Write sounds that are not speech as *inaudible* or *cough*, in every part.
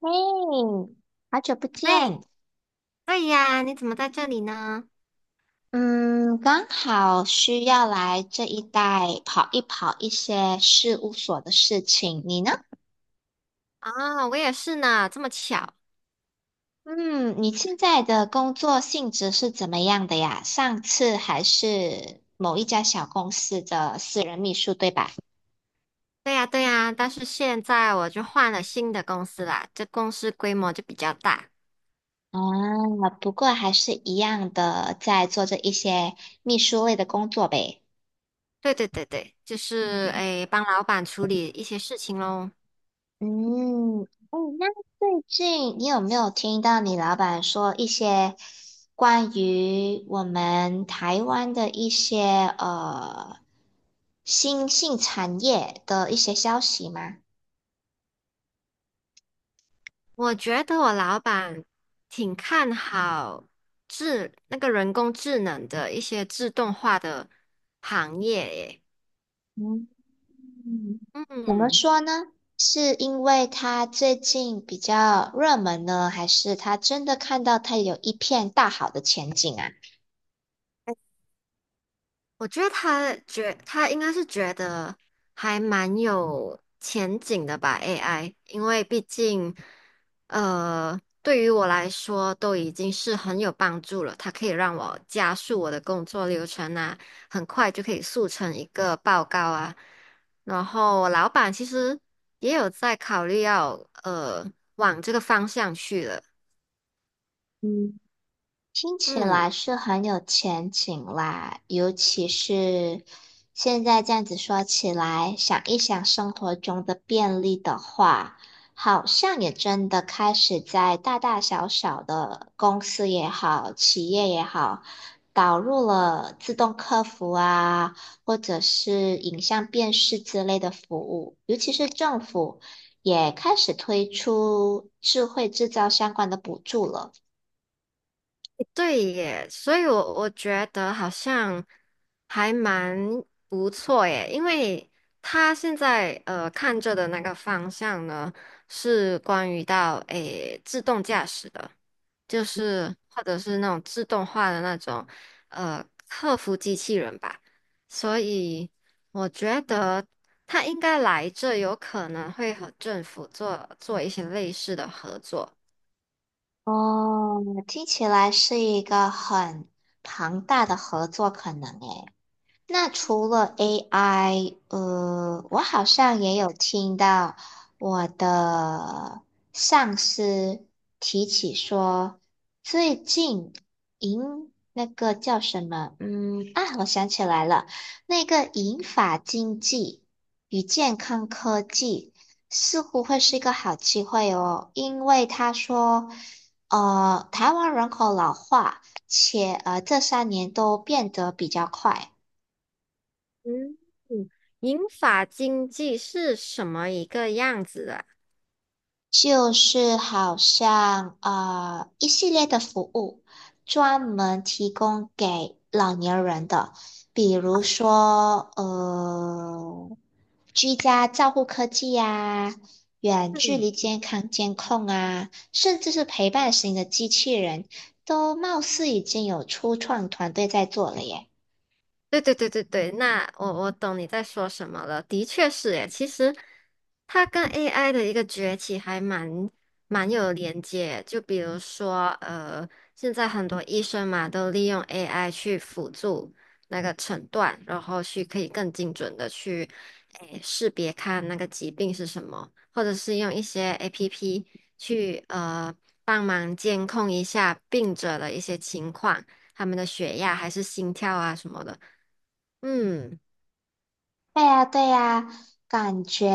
嘿，好久不喂，见。对呀，你怎么在这里呢？嗯，刚好需要来这一带跑一些事务所的事情。你呢？啊，我也是呢，这么巧。嗯，你现在的工作性质是怎么样的呀？上次还是某一家小公司的私人秘书，对吧？对呀，对呀，但是现在我就换了新的公司啦，这公司规模就比较大。啊，不过还是一样的，在做着一些秘书类的工作呗。对对对对，就是嗯诶，帮老板处理一些事情喽。嗯，哦，那最近你有没有听到你老板说一些关于我们台湾的一些呃新兴产业的一些消息吗？我觉得我老板挺看好那个人工智能的一些自动化的行业诶。嗯，怎么嗯。说呢？是因为他最近比较热门呢，还是他真的看到他有一片大好的前景啊？我觉得他应该是觉得还蛮有前景的吧，AI,因为毕竟，对于我来说都已经是很有帮助了。它可以让我加速我的工作流程啊，很快就可以速成一个报告啊。然后我老板其实也有在考虑要呃往这个方向去了，嗯。听起嗯。来是很有前景啦，尤其是现在这样子说起来，想一想生活中的便利的话，好像也真的开始在大大小小的公司也好，企业也好，导入了自动客服啊，或者是影像辨识之类的服务，尤其是政府也开始推出智慧制造相关的补助了。对耶，所以我觉得好像还蛮不错耶，因为他现在看着的那个方向呢，是关于到诶自动驾驶的，就是或者是那种自动化的那种客服机器人吧，所以我觉得他应该来这有可能会和政府做做一些类似的合作。哦，听起来是一个很庞大的合作可能诶。那除了 AI，我好像也有听到我的上司提起说，最近银那个叫什么？嗯啊，我想起来了，那个银发经济与健康科技似乎会是一个好机会哦，因为他说，台湾人口老化，且这3年都变得比较快。嗯，银发经济是什么一个样子的？就是好像一系列的服务，专门提供给老年人的，比如说居家照护科技呀、远距离健康监控啊，甚至是陪伴型的机器人，都貌似已经有初创团队在做了耶。对对对对对，那我懂你在说什么了。的确是诶，其实它跟 AI 的一个崛起还蛮有连接。就比如说，现在很多医生嘛都利用 AI 去辅助那个诊断，然后去可以更精准的去诶识别看那个疾病是什么，或者是用一些 APP 去帮忙监控一下病者的一些情况，他们的血压还是心跳啊什么的。嗯，对呀，对呀，感觉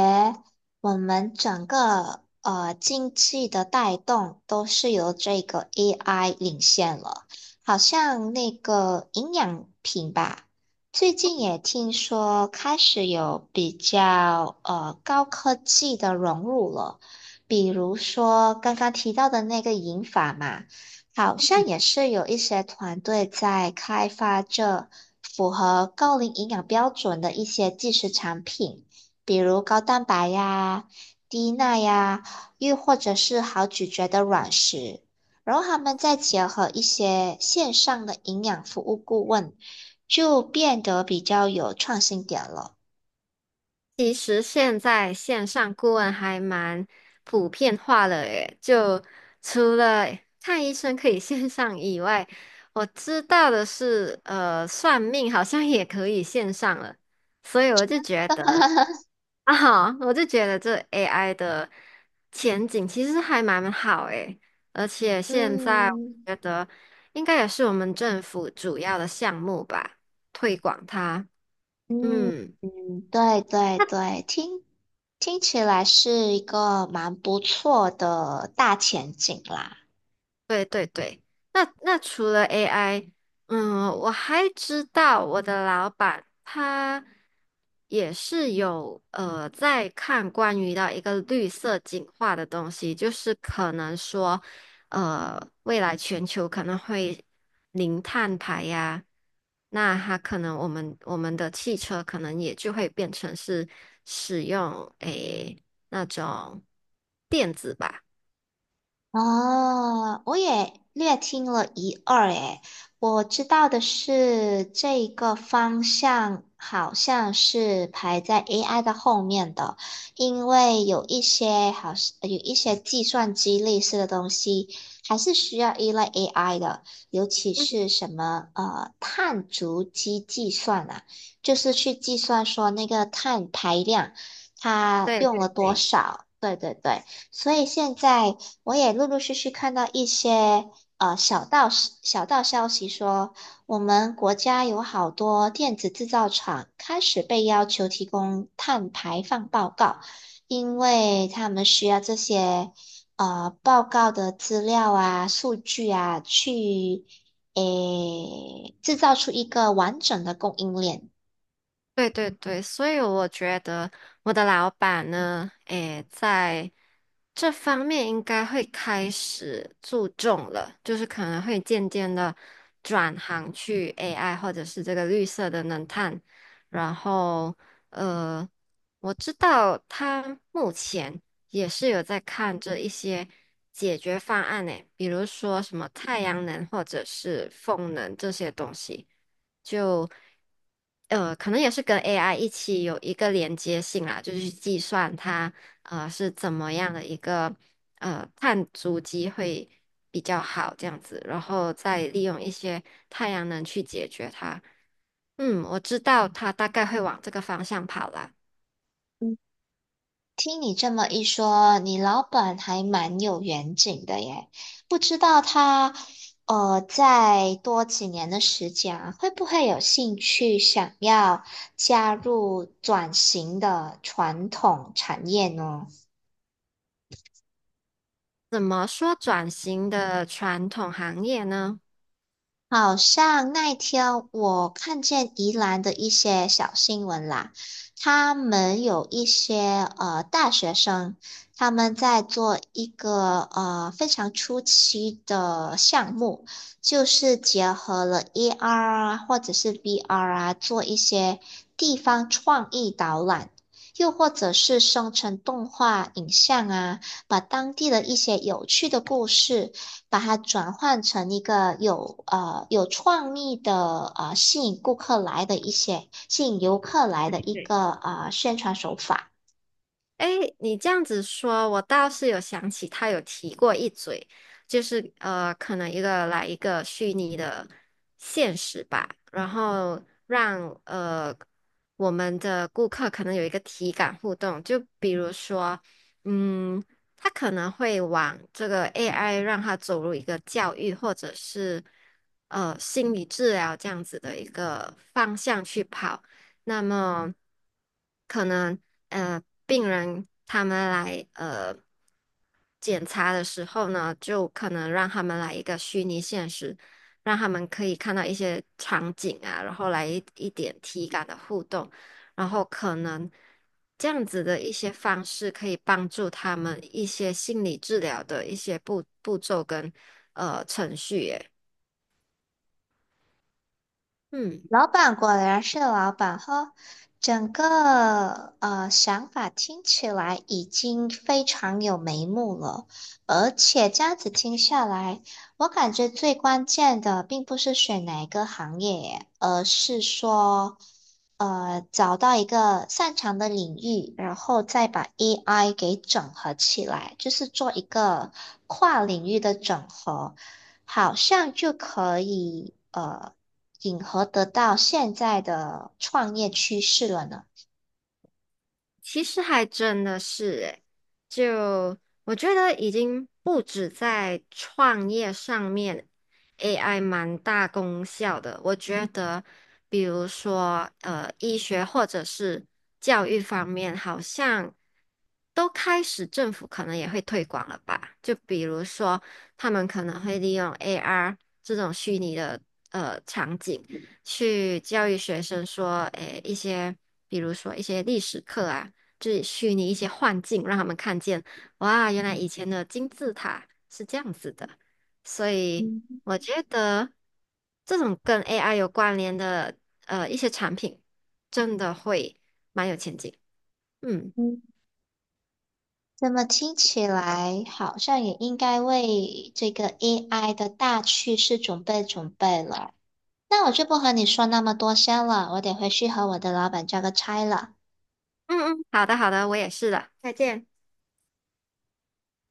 我们整个经济的带动都是由这个 AI 领先了。好像那个营养品吧，最近也听说开始有比较高科技的融入了，比如说刚刚提到的那个银发嘛。好像也是有一些团队在开发这符合高龄营养标准的一些即食产品，比如高蛋白呀、低钠呀，又或者是好咀嚼的软食。然后他们再结合一些线上的营养服务顾问，就变得比较有创新点了。其实现在线上顾问还蛮普遍化了诶，就除了看医生可以 *laughs* 线上以外，我知道的是，算命好像也可以线上了，所以我就觉得这 AI 的前景其实还蛮好诶，而且现在我嗯。觉得应该也是我们政府主要的项目吧，推广它，嗯嗯。嗯，对对对，听起来是一个蛮不错的大前景啦。对对对，那除了 AI,嗯，我还知道我的老板他也是有在看关于到一个绿色进化的东西，就是可能说，未来全球可能会零碳排呀，那他可能我们的汽车可能也就会变成是使用诶那种电子吧。哦，我也略听了一二诶，我知道的是这个方向好像是排在 AI 的后面的，因为有一些计算机类似的东西还是需要依赖 AI 的，尤其是什么碳足迹计算啊，就是去计算说那个碳排量它对用了对多对，少，对对对。所以现在我也陆陆续续看到一些小道消息说，我们国家有好多电子制造厂开始被要求提供碳排放报告，因为他们需要这些报告的资料啊、数据啊，去诶制造出一个完整的供应链。对对对，所以我觉得我的老板呢，诶，在这方面应该会开始注重了，就是可能会渐渐的转行去 AI 或者是这个绿色的能探，然后呃，我知道他目前也是有在看这一些解决方案呢，比如说什么太阳能或者是风能这些东西。就可能也是跟 AI 一起有一个连接性啦，就是去计算它是怎么样的一个碳足迹会比较好这样子，然后再利用一些太阳能去解决它。嗯，我知道它大概会往这个方向跑啦。听你这么一说，你老板还蛮有远景的耶。不知道他，再多几年的时间啊，会不会有兴趣想要加入转型的传统产业呢？怎么说转型的传统行业呢？好像那一天我看见宜兰的一些小新闻啦，他们有一些大学生，他们在做一个非常初期的项目，就是结合了 AR 啊或者是 VR 啊，做一些地方创意导览。又或者是生成动画影像啊，把当地的一些有趣的故事。把它转换成一个有有创意的吸引游客来的一个啊宣传手法。哎，你这样子说，我倒是有想起他有提过一嘴，就是可能一个来一个虚拟的现实吧，然后让我们的顾客可能有一个体感互动，就比如说，嗯，他可能会往这个 AI 让他走入一个教育或者是心理治疗这样子的一个方向去跑。那么可能病人他们来检查的时候呢，就可能让他们来一个虚拟现实，让他们可以看到一些场景啊，然后来一点体感的互动，然后可能这样子的一些方式可以帮助他们一些心理治疗的一些步骤跟程序耶，嗯。老板果然是老板哈，整个想法听起来已经非常有眉目了，而且这样子听下来，我感觉最关键的并不是选哪一个行业，而是说找到一个擅长的领域，然后再把 AI 给整合起来，就是做一个跨领域的整合。好像就可以迎合得到现在的创业趋势了呢。其实还真的是诶，就我觉得已经不止在创业上面，AI 蛮大功效的。我觉得，比如说，医学或者是教育方面，好像都开始政府可能也会推广了吧？就比如说，他们可能会利用 AR 这种虚拟的场景。去教育学生说，诶，一些比如说一些历史课啊，就是虚拟一些幻境，让他们看见，哇，原来以前的金字塔是这样子的。所以嗯，我觉得这种跟 AI 有关联的一些产品，真的会蛮有前景。嗯嗯，那么听起来好像也应该为这个 AI 的大趋势准备了。那我就不和你说那么多先了，我得回去和我的老板交个差了。嗯嗯，好的好的，我也是的，再见。